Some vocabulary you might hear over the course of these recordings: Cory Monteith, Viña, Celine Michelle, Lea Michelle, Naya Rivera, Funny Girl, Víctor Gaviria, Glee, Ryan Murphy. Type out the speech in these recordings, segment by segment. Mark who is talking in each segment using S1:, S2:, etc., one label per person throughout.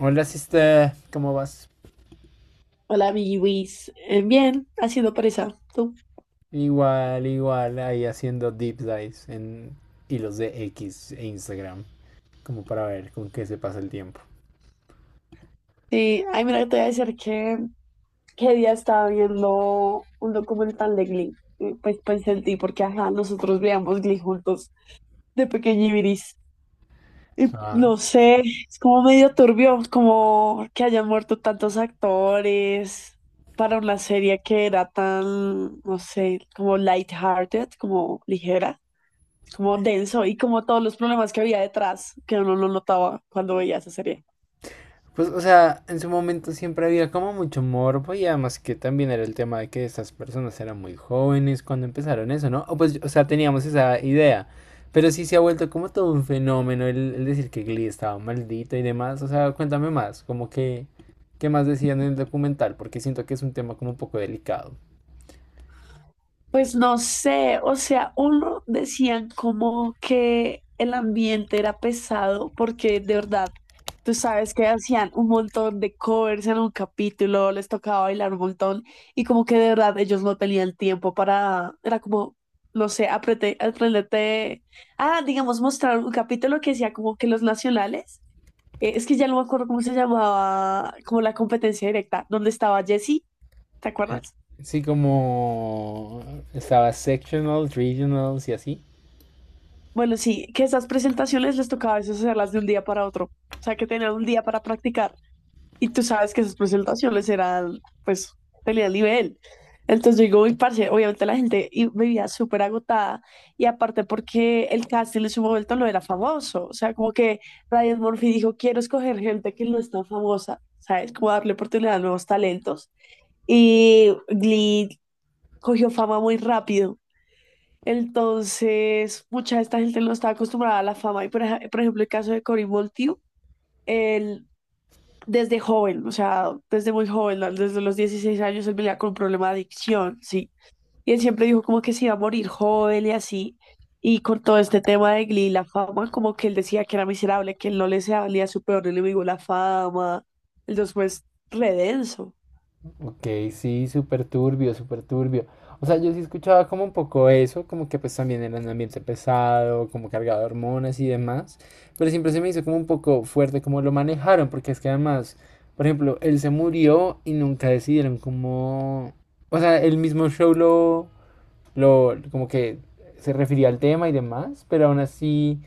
S1: Hola, sister. ¿Cómo vas?
S2: Hola, mi Luis. Bien, haciendo presa. ¿Tú?
S1: Igual, igual, ahí haciendo deep dives en hilos de X e Instagram, como para ver con qué se pasa el tiempo.
S2: Sí, ay, mira, te voy a decir que día estaba viendo un documental de Glee. Pues pensé en ti, porque ajá, nosotros veíamos Glee juntos de pequeñibiris. Y
S1: Ah,
S2: no sé, es como medio turbio, como que hayan muerto tantos actores para una serie que era tan, no sé, como lighthearted, como ligera, como denso y como todos los problemas que había detrás, que uno no notaba cuando veía esa serie.
S1: pues, o sea, en su momento siempre había como mucho morbo y además que también era el tema de que estas personas eran muy jóvenes cuando empezaron eso, ¿no? O pues, o sea, teníamos esa idea. Pero sí se ha vuelto como todo un fenómeno el decir que Glee estaba maldito y demás. O sea, cuéntame más, como que, ¿qué más decían en el documental? Porque siento que es un tema como un poco delicado.
S2: Pues no sé, o sea, uno decían como que el ambiente era pesado porque de verdad, tú sabes que hacían un montón de covers en un capítulo, les tocaba bailar un montón y como que de verdad ellos no tenían tiempo para, era como, no sé, aprendete, ah, digamos, mostrar un capítulo que decía como que los nacionales. Es que ya no me acuerdo cómo se llamaba, como la competencia directa, donde estaba Jessie, ¿te
S1: Eh,
S2: acuerdas?
S1: Sí, como estaba sectional, regionals y así.
S2: Bueno, sí, que esas presentaciones les tocaba a veces hacerlas de un día para otro, o sea, que tenían un día para practicar. Y tú sabes que esas presentaciones eran, pues, tenían nivel. Entonces yo digo, mi parce, obviamente la gente vivía súper agotada y aparte porque el casting en su momento no era famoso, o sea, como que Ryan Murphy dijo, quiero escoger gente que no es tan famosa, ¿sabes? Como darle oportunidad a nuevos talentos. Y Glee cogió fama muy rápido. Entonces, mucha de esta gente no estaba acostumbrada a la fama. Y por ejemplo, el caso de Cory Monteith, él desde joven, o sea, desde muy joven, ¿no? Desde los 16 años, él venía con un problema de adicción, sí. Y él siempre dijo como que se iba a morir joven y así. Y con todo este tema de Glee, la fama, como que él decía que era miserable, que él no le se valía a su peor enemigo la fama. Entonces, pues, re denso.
S1: Ok, sí, súper turbio, súper turbio. O sea, yo sí escuchaba como un poco eso, como que pues también era un ambiente pesado, como cargado de hormonas y demás, pero siempre se me hizo como un poco fuerte como lo manejaron, porque es que además, por ejemplo, él se murió y nunca decidieron cómo... O sea, el mismo show lo, como que se refería al tema y demás, pero aún así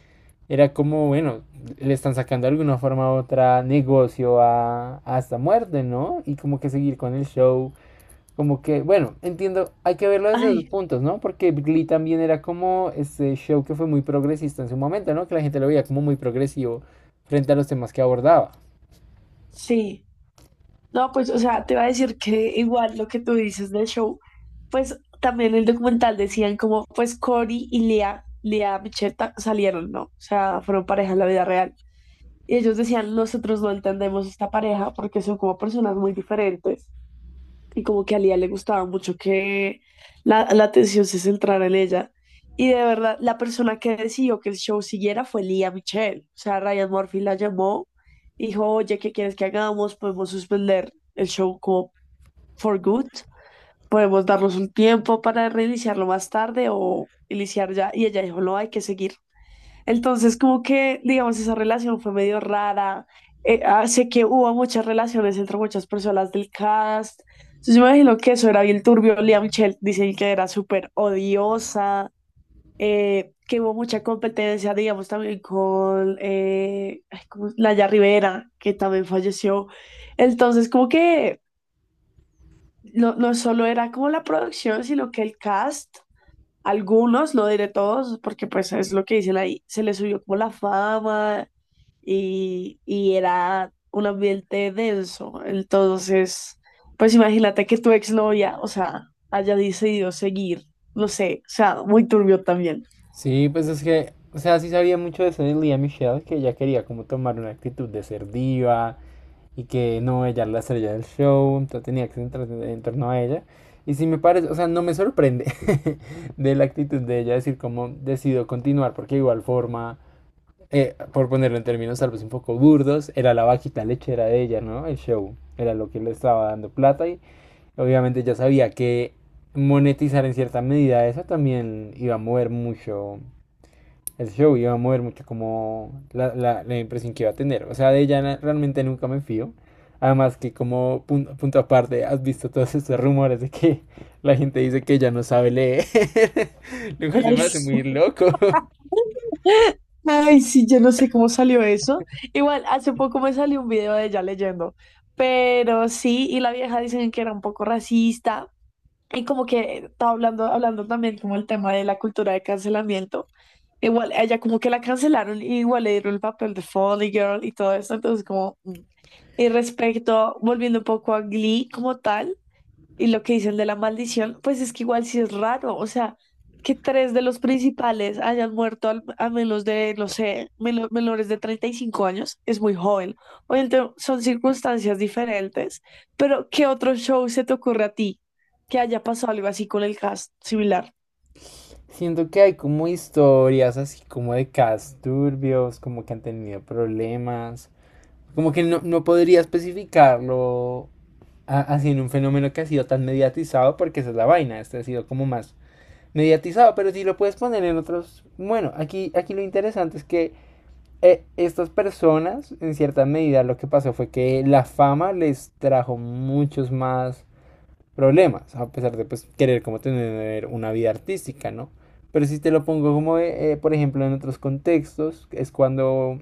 S1: era como, bueno, le están sacando de alguna forma u otra negocio a esta muerte, ¿no? Y como que seguir con el show. Como que, bueno, entiendo, hay que verlo desde dos
S2: Ay,
S1: puntos, ¿no? Porque Glee también era como este show que fue muy progresista en su momento, ¿no? Que la gente lo veía como muy progresivo frente a los temas que abordaba.
S2: sí. No, pues, o sea, te iba a decir que igual lo que tú dices del show, pues también en el documental decían como, pues Cory y Lea, Lea Micheta salieron, ¿no? O sea, fueron pareja en la vida real. Y ellos decían, nosotros no entendemos esta pareja porque son como personas muy diferentes y como que a Lía le gustaba mucho que la atención se centrara en ella. Y de verdad, la persona que decidió que el show siguiera fue Lía Michelle. O sea, Ryan Murphy la llamó y dijo, oye, ¿qué quieres que hagamos? Podemos suspender el show como for good. Podemos darnos un tiempo para reiniciarlo más tarde o iniciar ya. Y ella dijo, no, hay que seguir. Entonces, como que, digamos, esa relación fue medio rara. Sé que hubo muchas relaciones entre muchas personas del cast. Entonces, yo me imagino que eso era bien turbio. Lea Michelle dicen que era súper odiosa, que hubo mucha competencia, digamos, también con ¿cómo es? Laya Rivera, que también falleció. Entonces, como que no, no solo era como la producción, sino que el cast algunos, no diré todos, porque pues es lo que dice ahí, se le subió como la fama y era un ambiente denso. Entonces, pues imagínate que tu exnovia, o sea, haya decidido seguir, no sé, o sea, muy turbio también.
S1: Sí, pues es que, o sea, sí sabía mucho de Celine Michelle, que ella quería como tomar una actitud de ser diva, y que no, ella era la estrella del show, entonces tenía que centrarse en torno a ella. Y si me parece, o sea, no me sorprende de la actitud de ella decir cómo decidió continuar, porque de igual forma, por ponerlo en términos tal vez un poco burdos, era la vaquita lechera de ella, ¿no? El show era lo que le estaba dando plata y obviamente ya sabía que monetizar en cierta medida eso también iba a mover mucho el show iba a mover mucho como la impresión que iba a tener. O sea, de ella realmente nunca me fío. Además que como punto, aparte, ¿has visto todos estos rumores de que la gente dice que ella no sabe leer, lo cual se
S2: Ay,
S1: me hace
S2: sí.
S1: muy loco?
S2: Ay, sí, yo no sé cómo salió eso. Igual, hace poco me salió un video de ella leyendo, pero sí, y la vieja dicen que era un poco racista. Y como que estaba hablando también como el tema de la cultura de cancelamiento. Igual, a ella como que la cancelaron y igual le dieron el papel de Funny Girl y todo eso. Entonces como mm. Y respecto, volviendo un poco a Glee como tal, y lo que dicen de la maldición, pues es que igual sí es raro, o sea, que tres de los principales hayan muerto a menos de, no sé, menores de 35 años, es muy joven. Obviamente son circunstancias diferentes, pero ¿qué otro show se te ocurre a ti que haya pasado algo así con el cast similar?
S1: Siento que hay como historias así como de casos turbios, como que han tenido problemas, como que no, no podría especificarlo así en un fenómeno que ha sido tan mediatizado porque esa es la vaina, este ha sido como más mediatizado, pero si lo puedes poner en otros, bueno, aquí lo interesante es que estas personas, en cierta medida, lo que pasó fue que la fama les trajo muchos más problemas, a pesar de pues, querer como tener una vida artística, ¿no? Pero si te lo pongo como, por ejemplo, en otros contextos, es cuando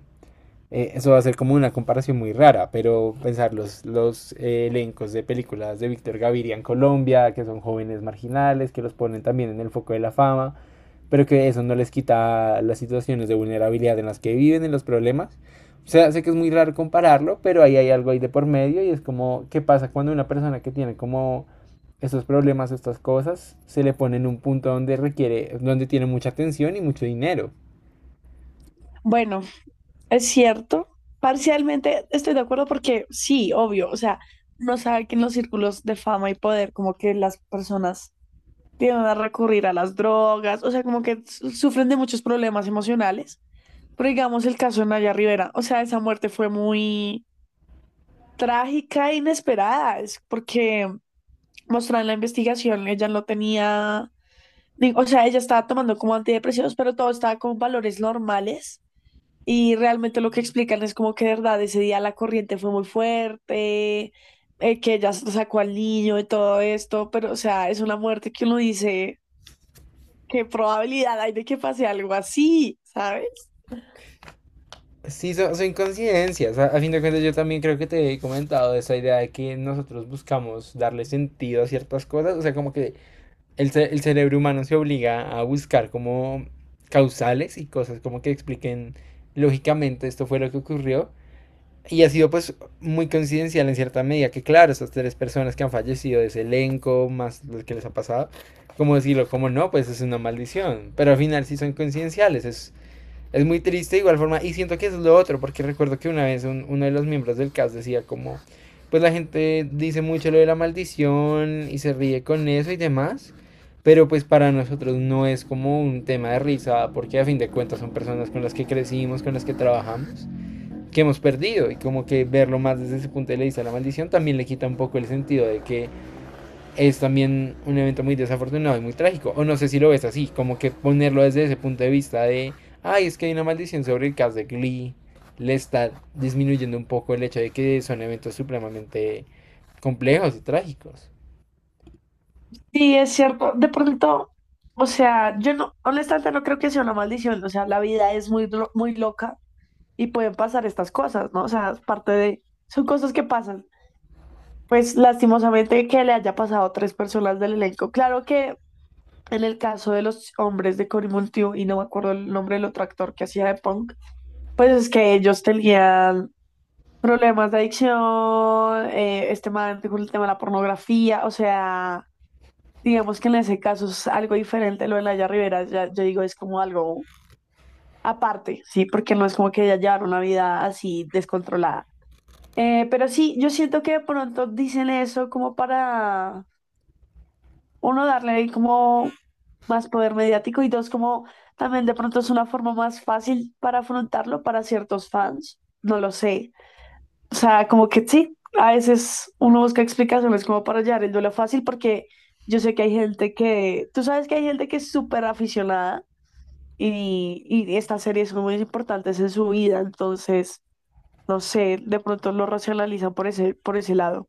S1: eso va a ser como una comparación muy rara, pero pensar los elencos de películas de Víctor Gaviria en Colombia, que son jóvenes marginales, que los ponen también en el foco de la fama, pero que eso no les quita las situaciones de vulnerabilidad en las que viven, en los problemas. O sea, sé que es muy raro compararlo, pero ahí hay algo ahí de por medio y es como, ¿qué pasa cuando una persona que tiene como estos problemas, estas cosas, se le pone en un punto donde requiere, donde tiene mucha atención y mucho dinero?
S2: Bueno, es cierto, parcialmente estoy de acuerdo porque sí, obvio, o sea, no sabe que en los círculos de fama y poder, como que las personas tienden a recurrir a las drogas, o sea, como que sufren de muchos problemas emocionales. Pero digamos el caso de Naya Rivera, o sea, esa muerte fue muy trágica e inesperada, es porque mostraron la investigación, ella no tenía, o sea, ella estaba tomando como antidepresivos, pero todo estaba con valores normales. Y realmente lo que explican es como que de verdad ese día la corriente fue muy fuerte, que ella sacó al niño y todo esto, pero o sea, es una muerte que uno dice, ¿qué probabilidad hay de que pase algo así? ¿Sabes?
S1: Sí, son coincidencias. A fin de cuentas, yo también creo que te he comentado esa idea de que nosotros buscamos darle sentido a ciertas cosas. O sea, como que el cerebro humano se obliga a buscar como causales y cosas como que expliquen lógicamente esto fue lo que ocurrió. Y ha sido pues muy coincidencial en cierta medida que claro, esas tres personas que han fallecido de ese elenco, más lo que les ha pasado, como decirlo, como no, pues es una maldición. Pero al final sí son coincidenciales, es muy triste de igual forma y siento que eso es lo otro, porque recuerdo que una vez uno de los miembros del cast decía como, pues la gente dice mucho lo de la maldición y se ríe con eso y demás, pero pues para nosotros no es como un tema de risa, porque a fin de cuentas son personas con las que crecimos, con las que trabajamos, que hemos perdido y como que verlo más desde ese punto de vista, la maldición también le quita un poco el sentido de que es también un evento muy desafortunado y muy trágico. O no sé si lo ves así, como que ponerlo desde ese punto de vista de, ay, es que hay una maldición sobre el cast de Glee, le está disminuyendo un poco el hecho de que son eventos supremamente complejos y trágicos.
S2: Sí, es cierto. De pronto, o sea, yo no, honestamente no creo que sea una maldición. O sea, la vida es muy, muy loca y pueden pasar estas cosas, ¿no? O sea, es parte de, son cosas que pasan. Pues lastimosamente que le haya pasado a tres personas del elenco. Claro que en el caso de los hombres de Cory Monteith, y no me acuerdo el nombre del otro actor que hacía de Punk, pues es que ellos tenían problemas de adicción, este man con el tema de la pornografía, o sea, digamos que en ese caso es algo diferente lo de laia Rivera, ya, yo digo, es como algo aparte, ¿sí? Porque no es como que ella llevara una vida así descontrolada. Pero sí, yo siento que de pronto dicen eso como para, uno, darle como más poder mediático y dos, como también de pronto es una forma más fácil para afrontarlo para ciertos fans, no lo sé. O sea, como que sí, a veces uno busca explicaciones como para hallar el duelo fácil, porque yo sé que hay gente que, tú sabes que hay gente que es súper aficionada y estas series son muy importantes en su vida, entonces, no sé, de pronto lo racionalizan por ese lado.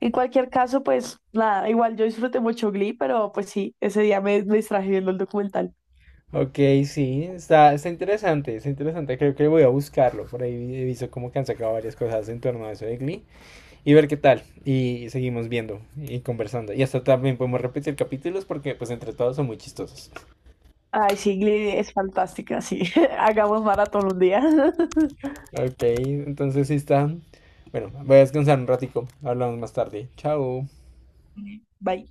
S2: En cualquier caso, pues nada, igual yo disfruté mucho Glee, pero pues sí, ese día me distraje viendo el documental.
S1: Ok, sí, está interesante, creo que voy a buscarlo, por ahí he visto como que han sacado varias cosas en torno a eso de Glee y ver qué tal, y seguimos viendo y conversando, y hasta también podemos repetir capítulos porque pues entre todos son muy chistosos.
S2: Ay, sí, Glee es fantástica, sí. Hagamos maratón un día.
S1: Ok, entonces sí está. Bueno, voy a descansar un ratico. Hablamos más tarde. Chao.
S2: Bye.